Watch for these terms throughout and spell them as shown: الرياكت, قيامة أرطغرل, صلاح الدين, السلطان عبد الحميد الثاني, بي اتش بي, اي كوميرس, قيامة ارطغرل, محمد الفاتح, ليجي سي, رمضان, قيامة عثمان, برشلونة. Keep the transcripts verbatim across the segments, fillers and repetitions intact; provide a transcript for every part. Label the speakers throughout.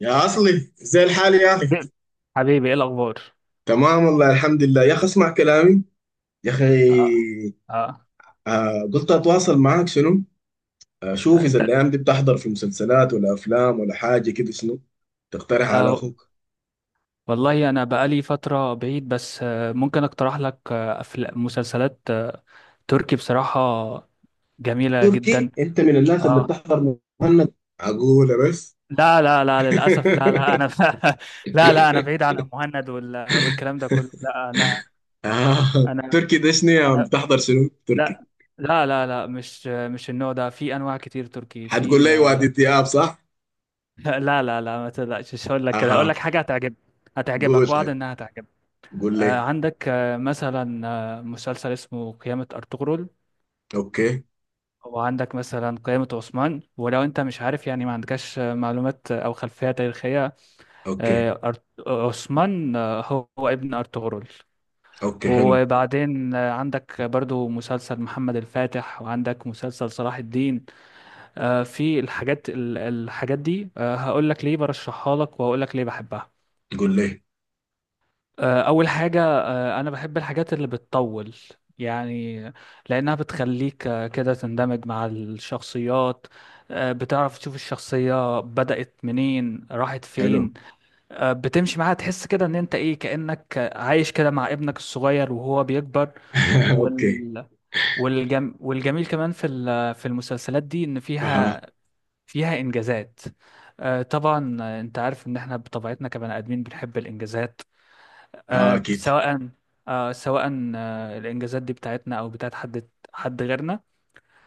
Speaker 1: يا عصلي زي الحال يا اخي.
Speaker 2: إيه؟ حبيبي، ايه الاخبار؟
Speaker 1: تمام والله، الحمد لله يا اخي، اسمع كلامي يا اخي.
Speaker 2: اه. اه.
Speaker 1: آه قلت اتواصل معاك شنو؟ اشوف اذا
Speaker 2: انت...
Speaker 1: الايام دي بتحضر في مسلسلات ولا افلام ولا حاجه كده، شنو تقترح على
Speaker 2: آه
Speaker 1: اخوك؟
Speaker 2: والله انا بقالي فتره بعيد، بس آه ممكن اقترح لك آه أفلام- مسلسلات، آه تركي بصراحه، جميله جدا.
Speaker 1: تركي؟ انت من الناس اللي
Speaker 2: اه،
Speaker 1: بتحضر مهند عقولة بس؟
Speaker 2: لا لا لا، للاسف، لا لا، انا لا لا، انا بعيد عن المهند وال... والكلام ده كله، لا. انا
Speaker 1: آه.
Speaker 2: انا
Speaker 1: تركي ده شنو يا عم؟
Speaker 2: انا
Speaker 1: بتحضر شنو
Speaker 2: لا
Speaker 1: تركي؟
Speaker 2: لا لا لا، مش مش النوع ده، في انواع كتير تركي،
Speaker 1: هتقول
Speaker 2: في
Speaker 1: لي
Speaker 2: آه،
Speaker 1: وادي دياب صح؟
Speaker 2: لا لا لا، ما تقلقش، مش هقول لك كده، هقول لك
Speaker 1: اها،
Speaker 2: حاجه هتعجبك،
Speaker 1: قول
Speaker 2: هتعجبك، وعد
Speaker 1: طيب،
Speaker 2: انها هتعجبك.
Speaker 1: قول
Speaker 2: آه،
Speaker 1: لي.
Speaker 2: عندك آه، مثلا آه، مسلسل اسمه قيامة أرطغرل،
Speaker 1: اوكي،
Speaker 2: وعندك مثلا قيامة عثمان. ولو انت مش عارف يعني، ما عندكش آه، معلومات آه، او خلفية تاريخية،
Speaker 1: اوكي،
Speaker 2: آه، أرط- عثمان آه، هو هو ابن أرطغرل.
Speaker 1: اوكي، حلو،
Speaker 2: وبعدين آه، عندك برضو مسلسل محمد الفاتح، وعندك مسلسل صلاح الدين. آه، في الحاجات ال- الحاجات دي هقول لك ليه برشحها لك، وهقول لك ليه بحبها.
Speaker 1: قول لي،
Speaker 2: آه، أول حاجة، آه، أنا بحب الحاجات اللي بتطول، يعني لأنها بتخليك آه، كده تندمج مع الشخصيات. آه، بتعرف تشوف الشخصية بدأت منين، راحت
Speaker 1: حلو،
Speaker 2: فين. آه، بتمشي معاها، تحس كده إن أنت إيه، كأنك عايش كده مع ابنك الصغير وهو بيكبر.
Speaker 1: اوكي،
Speaker 2: وال... والجم... والجميل كمان في ال- في المسلسلات دي إن
Speaker 1: اها،
Speaker 2: فيها، فيها إنجازات. آه، طبعا آه، أنت عارف إن إحنا بطبيعتنا كبني آدمين بنحب الإنجازات،
Speaker 1: اه
Speaker 2: آه،
Speaker 1: اكيد.
Speaker 2: سواء آه، سواء آه، الإنجازات دي بتاعتنا أو بتاعت حد حد غيرنا،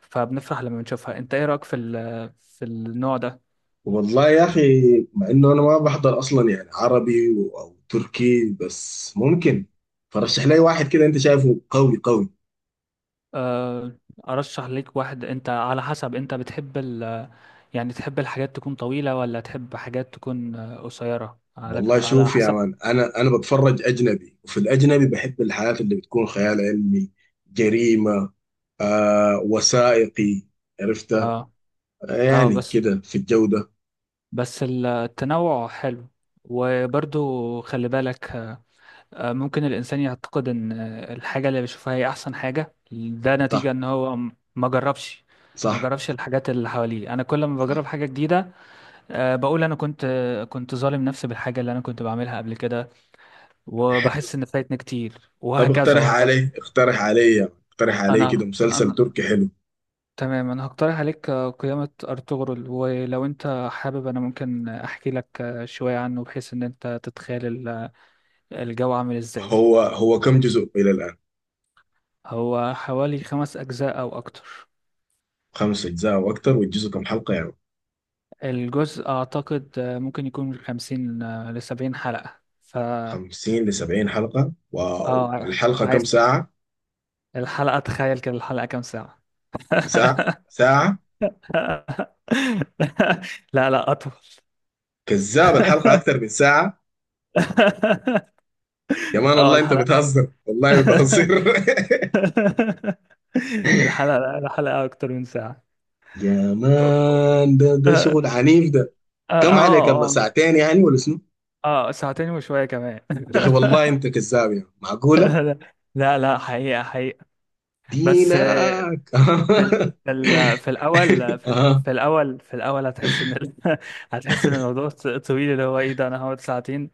Speaker 2: فبنفرح لما بنشوفها. أنت إيه رأيك في ال- في النوع ده؟
Speaker 1: والله يا اخي، مع انه انا ما بحضر اصلا يعني عربي و- او تركي، بس ممكن فرشح لي واحد كده انت شايفه قوي قوي.
Speaker 2: آه، أرشح ليك واحد. أنت على حسب، أنت بتحب ال... يعني تحب الحاجات تكون طويلة، ولا تحب حاجات تكون آه، قصيرة، على
Speaker 1: والله
Speaker 2: على
Speaker 1: شوف يا
Speaker 2: حسب.
Speaker 1: مان، انا انا بتفرج اجنبي، وفي الاجنبي بحب الحاجات اللي بتكون خيال علمي، جريمة، آه وثائقي، عرفتها.
Speaker 2: اه.
Speaker 1: آه
Speaker 2: اه
Speaker 1: يعني
Speaker 2: بس،
Speaker 1: كده في الجودة.
Speaker 2: بس التنوع حلو. وبرضو خلي بالك، آه، آه، ممكن الإنسان يعتقد إن آه، الحاجة اللي بيشوفها هي أحسن حاجة، ده نتيجة
Speaker 1: صح،
Speaker 2: إن هو م- ما جربش، ما
Speaker 1: صح،
Speaker 2: جربش الحاجات اللي حواليه. أنا كل ما بجرب
Speaker 1: صح.
Speaker 2: حاجة جديدة، آه، بقول أنا كنت آه، كنت ظالم نفسي بالحاجة اللي أنا كنت بعملها قبل كده، وبحس إن فايتني كتير،
Speaker 1: طب
Speaker 2: وهكذا
Speaker 1: اقترح
Speaker 2: وهكذا.
Speaker 1: علي، اقترح علي، اقترح علي كده
Speaker 2: أنا
Speaker 1: مسلسل
Speaker 2: أنا
Speaker 1: تركي حلو.
Speaker 2: تمام، أنا هقترح عليك آه، قيامة أرطغرل. ولو أنت حابب أنا ممكن أحكي لك آه، شوية عنه، بحيث إن أنت تتخيل ال- الجو عامل إزاي.
Speaker 1: هو هو كم جزء إلى الآن؟
Speaker 2: هو حوالي خمس أجزاء أو أكتر.
Speaker 1: خمس أجزاء أو أكتر، والجزء كم حلقة يعني؟
Speaker 2: الجزء أعتقد آه، ممكن يكون من خمسين آه، لسبعين حلقة. ف
Speaker 1: خمسين لسبعين حلقة، واو!
Speaker 2: اه
Speaker 1: والحلقة كم
Speaker 2: عايز
Speaker 1: ساعة؟
Speaker 2: الحلقة، تخيل كده الحلقة كام ساعة؟
Speaker 1: ساعة ساعة؟
Speaker 2: لا لا، أطول.
Speaker 1: كذاب، الحلقة أكتر من ساعة؟ يا مان
Speaker 2: اه
Speaker 1: والله أنت
Speaker 2: الحلقة،
Speaker 1: بتهزر، والله بتهزر.
Speaker 2: الحلقة الحلقة أكتر من ساعة.
Speaker 1: يا مان، ده ده
Speaker 2: اه.
Speaker 1: شغل عنيف ده.
Speaker 2: اه.
Speaker 1: كم عليك الله،
Speaker 2: اه.
Speaker 1: ساعتين يعني ولا شنو؟
Speaker 2: آه، ساعتين وشوية كمان.
Speaker 1: يا أخي والله أنت كذاب، يعني معقولة
Speaker 2: لا. لا لا، حقيقة حقيقة.
Speaker 1: دينك؟
Speaker 2: بس في ال... في ال... في الاول في ال...
Speaker 1: آه.
Speaker 2: في الاول في الاول هتحس ان ال... هتحس ان الموضوع ط- طويل، اللي هو ايه ده، انا هقعد ساعتين؟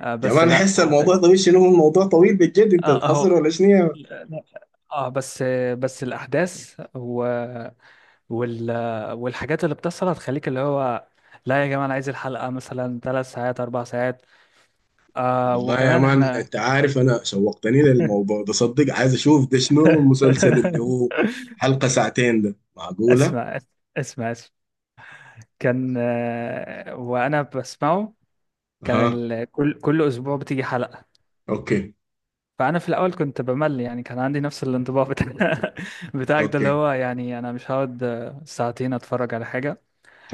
Speaker 2: آه
Speaker 1: يا
Speaker 2: بس
Speaker 1: مان
Speaker 2: لا
Speaker 1: أحس
Speaker 2: هت...
Speaker 1: الموضوع طويل؟ شنو هو الموضوع طويل بالجد؟ أنت
Speaker 2: اه اهو
Speaker 1: بتهزر ولا شنو يا؟
Speaker 2: لا. اه بس بس الاحداث و... وال... والحاجات اللي بتحصل هتخليك اللي هو، لا يا جماعه، انا عايز الحلقه مثلا ثلاث ساعات، اربع ساعات. آه
Speaker 1: والله يا
Speaker 2: وكمان
Speaker 1: مان
Speaker 2: احنا
Speaker 1: انت عارف، انا شوقتني للموضوع ده صدق، عايز اشوف ده شنو المسلسل اللي هو حلقة ساعتين ده،
Speaker 2: اسمع،
Speaker 1: معقولة؟
Speaker 2: اسمع اسمع. كان آه، وانا بسمعه، كان
Speaker 1: اها،
Speaker 2: ال... كل كل اسبوع بتيجي حلقه،
Speaker 1: اوكي،
Speaker 2: فانا في الاول كنت بمل، يعني كان عندي نفس الانطباع بتاع بتاعك ده، اللي
Speaker 1: اوكي،
Speaker 2: هو يعني انا مش هقعد آه، ساعتين اتفرج على حاجه.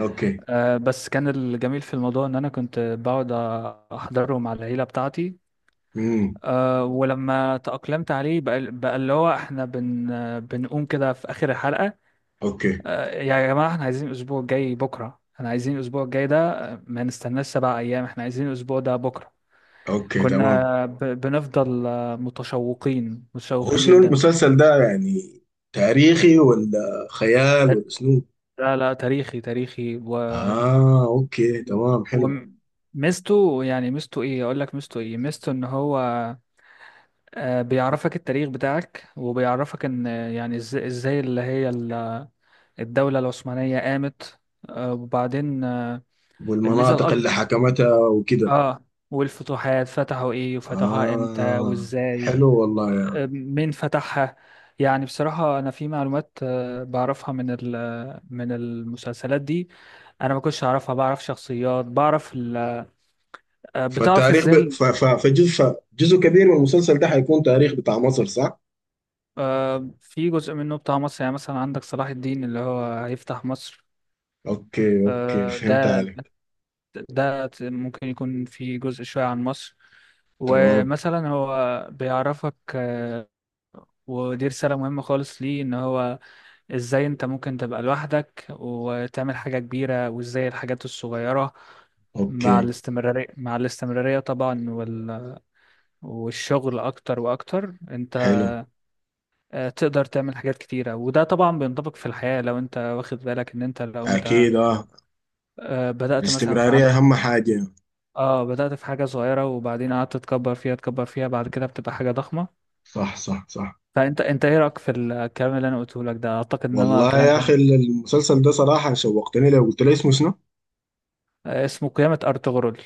Speaker 1: اوكي،
Speaker 2: آه، بس كان الجميل في الموضوع ان انا كنت بقعد احضره مع العيله بتاعتي.
Speaker 1: امم،
Speaker 2: آه، ولما تأقلمت عليه بقى, بقى اللي هو احنا بن... آه، بنقوم كده في اخر الحلقه،
Speaker 1: اوكي،
Speaker 2: آه، يا جماعه احنا عايزين الاسبوع الجاي بكره، احنا عايزين الاسبوع الجاي ده، آه، ما نستناش سبع ايام، احنا عايزين الاسبوع ده بكره.
Speaker 1: اوكي، تمام.
Speaker 2: كنا ب- بنفضل آه، متشوقين،
Speaker 1: هو
Speaker 2: متشوقين
Speaker 1: شنو
Speaker 2: جدا.
Speaker 1: المسلسل ده يعني، تاريخي ولا خيال ولا شنو؟
Speaker 2: لا لا، تاريخي، تاريخي. و
Speaker 1: اه اوكي تمام حلو.
Speaker 2: وميزته، يعني ميزته ايه، اقول لك ميزته ايه، ميزته ان هو آه، بيعرفك التاريخ بتاعك، وبيعرفك ان آه، يعني إز- ازاي اللي هي ال- الدولة العثمانية قامت. آه، وبعدين آه، الميزة
Speaker 1: والمناطق
Speaker 2: الاكبر،
Speaker 1: اللي حكمتها وكده.
Speaker 2: اه، والفتوحات، فتحوا ايه، وفتحوها امتى،
Speaker 1: اه،
Speaker 2: وازاي،
Speaker 1: حلو والله.
Speaker 2: مين فتحها. يعني بصراحة أنا في معلومات آه، بعرفها من ال- آه، من المسلسلات دي، أنا ما كنتش أعرفها. بعرف شخصيات، بعرف ال- آه، بتعرف
Speaker 1: فالتاريخ ب...
Speaker 2: إزاي ال-
Speaker 1: ف... ف... فجزء ف... جزء كبير من المسلسل ده حيكون تاريخ بتاع مصر، صح؟
Speaker 2: آه، في جزء منه بتاع مصر. يعني مثلا عندك صلاح الدين اللي هو هيفتح مصر.
Speaker 1: اوكي، اوكي،
Speaker 2: آه،
Speaker 1: فهمت
Speaker 2: ده
Speaker 1: عليك.
Speaker 2: ده ممكن يكون في جزء شوية عن مصر.
Speaker 1: تمام.
Speaker 2: ومثلا هو بيعرفك آه، ودي رسالة مهمة خالص ليه، إن هو ازاي انت ممكن تبقى لوحدك وتعمل حاجة كبيرة، وازاي الحاجات الصغيرة مع
Speaker 1: اوكي
Speaker 2: الاستمرارية، مع الاستمرارية طبعا وال... والشغل أكتر وأكتر، أنت
Speaker 1: حلو.
Speaker 2: آه، تقدر تعمل حاجات كتيرة. وده طبعا بينطبق في الحياة، لو أنت واخد بالك إن أنت لو أنت
Speaker 1: اكيد اه،
Speaker 2: آه، بدأت مثلا في
Speaker 1: الاستمرارية
Speaker 2: عدد،
Speaker 1: اهم حاجة.
Speaker 2: آه بدأت في حاجة صغيرة، وبعدين قعدت تكبر فيها، تكبر فيها، بعد كده بتبقى حاجة ضخمة.
Speaker 1: صح، صح، صح.
Speaker 2: فأنت أنت إيه رأيك في الكلام اللي أنا قلته لك ده؟ أعتقد إن هو
Speaker 1: والله
Speaker 2: كلام
Speaker 1: يا اخي،
Speaker 2: غريب.
Speaker 1: المسلسل ده صراحة شوقتني، لو قلت لي اسمه شنو؟
Speaker 2: آه، اسمه قيامة أرطغرل.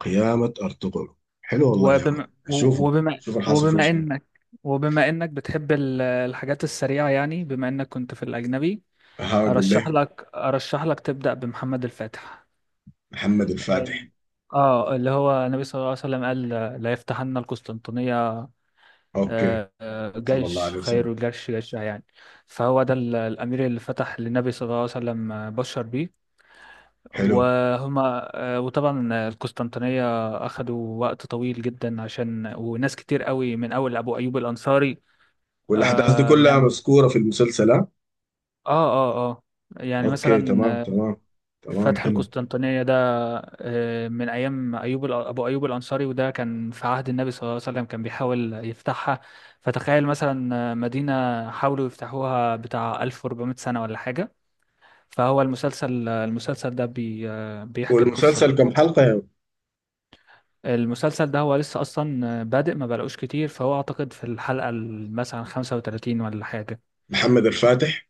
Speaker 1: قيامة ارطغرل. حلو والله يا
Speaker 2: وبما
Speaker 1: عم
Speaker 2: و-
Speaker 1: نشوفه،
Speaker 2: وبما
Speaker 1: شوف الحاصل فيه
Speaker 2: وبما
Speaker 1: شنو.
Speaker 2: انك، وبما انك بتحب ال- الحاجات السريعة، يعني بما انك كنت في الأجنبي،
Speaker 1: هقول
Speaker 2: ارشح
Speaker 1: لك،
Speaker 2: لك ارشح لك تبدأ بمحمد الفاتح.
Speaker 1: محمد
Speaker 2: اه.
Speaker 1: الفاتح.
Speaker 2: آه، اللي هو النبي صلى الله عليه وسلم قال لا يفتحن القسطنطينية،
Speaker 1: اوكي.
Speaker 2: آه، آه،
Speaker 1: صلى الله
Speaker 2: جيش
Speaker 1: عليه وسلم.
Speaker 2: خير الجيش جيشها يعني، فهو ده ال- الأمير اللي فتح، للنبي صلى الله عليه وسلم آه، بشر بيه.
Speaker 1: حلو.
Speaker 2: وهما آه، وطبعا القسطنطينية أخدوا وقت طويل جدا عشان، وناس كتير قوي، من أول أبو أيوب الأنصاري.
Speaker 1: والاحداث دي
Speaker 2: آه
Speaker 1: كلها
Speaker 2: يعني
Speaker 1: مذكورة في المسلسل، ها؟
Speaker 2: آه آه آه يعني
Speaker 1: اوكي،
Speaker 2: مثلا
Speaker 1: تمام،
Speaker 2: آه،
Speaker 1: تمام، تمام.
Speaker 2: فتح
Speaker 1: حلو.
Speaker 2: القسطنطينية ده آه، من أيام أيوب الأ- أبو أيوب الأنصاري، وده كان في عهد النبي صلى الله عليه وسلم، كان بيحاول يفتحها. فتخيل مثلا آه، مدينة حاولوا يفتحوها بتاع ألف وأربعمئة سنة ولا حاجة. فهو المسلسل، المسلسل ده بي آه، بيحكي القصة
Speaker 1: والمسلسل
Speaker 2: دي.
Speaker 1: كم حلقة يا؟
Speaker 2: المسلسل ده هو لسه اصلا بادئ، ما بلاقوش كتير، فهو اعتقد في الحلقه ال- مثلا خمسة وتلاتين ولا حاجه.
Speaker 1: محمد الفاتح.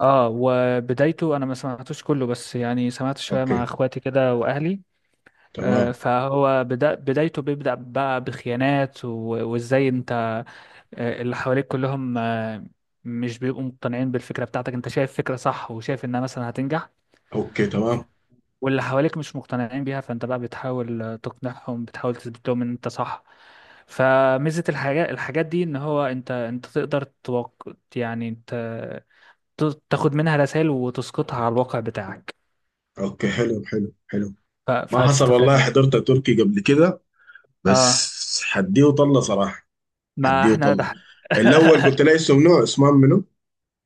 Speaker 2: اه وبدايته انا ما سمعتوش كله، بس يعني سمعت شويه مع
Speaker 1: اوكي
Speaker 2: اخواتي كده واهلي. آه،
Speaker 1: تمام.
Speaker 2: فهو بدا، بدايته بيبدا بقى بخيانات، و- وازاي انت آه، اللي حواليك كلهم آه، مش بيبقوا مقتنعين بالفكره بتاعتك، انت شايف فكره صح وشايف انها مثلا هتنجح،
Speaker 1: اوكي تمام.
Speaker 2: واللي حواليك مش مقتنعين بيها، فانت بقى بتحاول تقنعهم، بتحاول تثبت لهم ان انت صح. فميزة الحاجات الحاجات دي ان هو، انت انت تقدر توق... يعني انت ت- تاخد منها رسائل وتسقطها على الواقع بتاعك،
Speaker 1: اوكي حلو حلو حلو.
Speaker 2: ف...
Speaker 1: ما حصل
Speaker 2: فهتستفاد
Speaker 1: والله،
Speaker 2: يعني.
Speaker 1: حضرت تركي قبل كده
Speaker 2: اه،
Speaker 1: بس حديه وطلة صراحة.
Speaker 2: ما
Speaker 1: حديه
Speaker 2: احنا
Speaker 1: وطلة.
Speaker 2: ده.
Speaker 1: الاول قلت لي اسم، نوع اسمه منو؟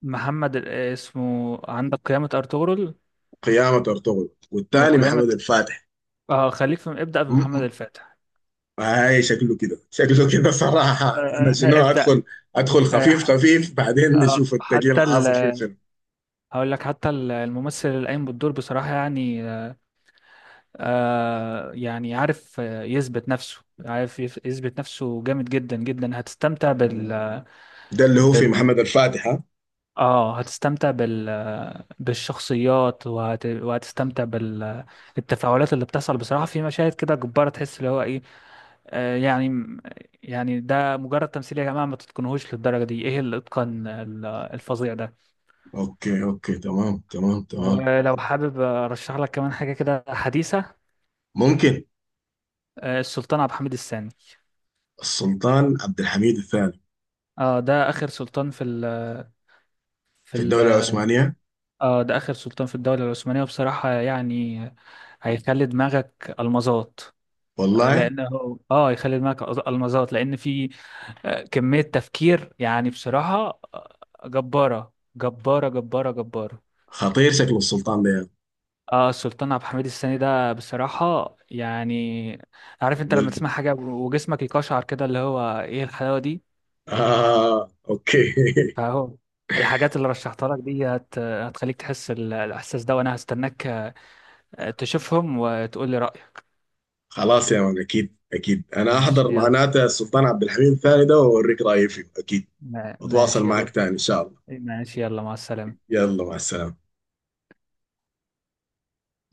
Speaker 2: محمد ال- اسمه عندك قيامة ارطغرل
Speaker 1: قيامة ارطغرل، والثاني محمد
Speaker 2: وقيامة
Speaker 1: الفاتح.
Speaker 2: اه، خليك في، ابدأ
Speaker 1: م-
Speaker 2: بمحمد
Speaker 1: م-
Speaker 2: الفاتح.
Speaker 1: هاي شكله كده، شكله كده صراحة، انا
Speaker 2: آه،
Speaker 1: شنو
Speaker 2: ابدأ.
Speaker 1: ادخل؟ ادخل خفيف
Speaker 2: آه،
Speaker 1: خفيف، بعدين
Speaker 2: آه،
Speaker 1: نشوف التقيل
Speaker 2: حتى ال
Speaker 1: حاصل فيه شنو.
Speaker 2: هقول لك حتى ال- الممثل اللي قايم بالدور بصراحة يعني، آه يعني عارف آه، يثبت نفسه، عارف يف- يثبت نفسه جامد جدا جدا. هتستمتع بال
Speaker 1: ده اللي هو في
Speaker 2: بال
Speaker 1: محمد الفاتح، ها؟
Speaker 2: اه، هتستمتع بال بالشخصيات، وهت... وهتستمتع بالتفاعلات اللي بتحصل. بصراحة في مشاهد كده جبارة، تحس اللي هو ايه، آه يعني يعني ده مجرد تمثيل يا جماعة، ما تتقنهوش للدرجة دي، ايه الاتقان ال- الفظيع ده.
Speaker 1: اوكي، اوكي، تمام، تمام، تمام.
Speaker 2: ولو حابب ارشح لك كمان حاجة كده حديثة،
Speaker 1: ممكن.
Speaker 2: آه، السلطان عبد الحميد الثاني.
Speaker 1: السلطان عبد الحميد الثاني.
Speaker 2: اه ده اخر سلطان في ال في
Speaker 1: في
Speaker 2: ال
Speaker 1: الدولة العثمانية.
Speaker 2: اه ده اخر سلطان في الدولة العثمانية. وبصراحة يعني هيخلي دماغك المظات، آه،
Speaker 1: والله.
Speaker 2: لان هو اه هيخلي دماغك أز- المظات، لان في آه، كمية تفكير، يعني بصراحة آه، جبارة، جبارة، جبارة، جبارة.
Speaker 1: خطير شكل السلطان ده يعني.
Speaker 2: اه السلطان عبد الحميد الثاني ده بصراحة يعني، عارف انت لما
Speaker 1: وال...
Speaker 2: تسمع حاجة وجسمك يقشعر كده، اللي هو ايه الحلاوة دي.
Speaker 1: آه اوكي.
Speaker 2: فاهو الحاجات اللي رشحتها لك دي هت... هتخليك تحس ال- الإحساس ده، وأنا هستناك آه، تشوفهم وتقول لي رأيك.
Speaker 1: خلاص يا مان، اكيد اكيد انا احضر
Speaker 2: ماشي يلا.
Speaker 1: معناته السلطان عبد الحميد الثاني ده واوريك رايي فيه اكيد.
Speaker 2: ما-
Speaker 1: اتواصل
Speaker 2: ماشي
Speaker 1: معك
Speaker 2: يلا.
Speaker 1: تاني ان شاء الله.
Speaker 2: ماشي يلا، مع السلامة.
Speaker 1: يلا مع السلامة.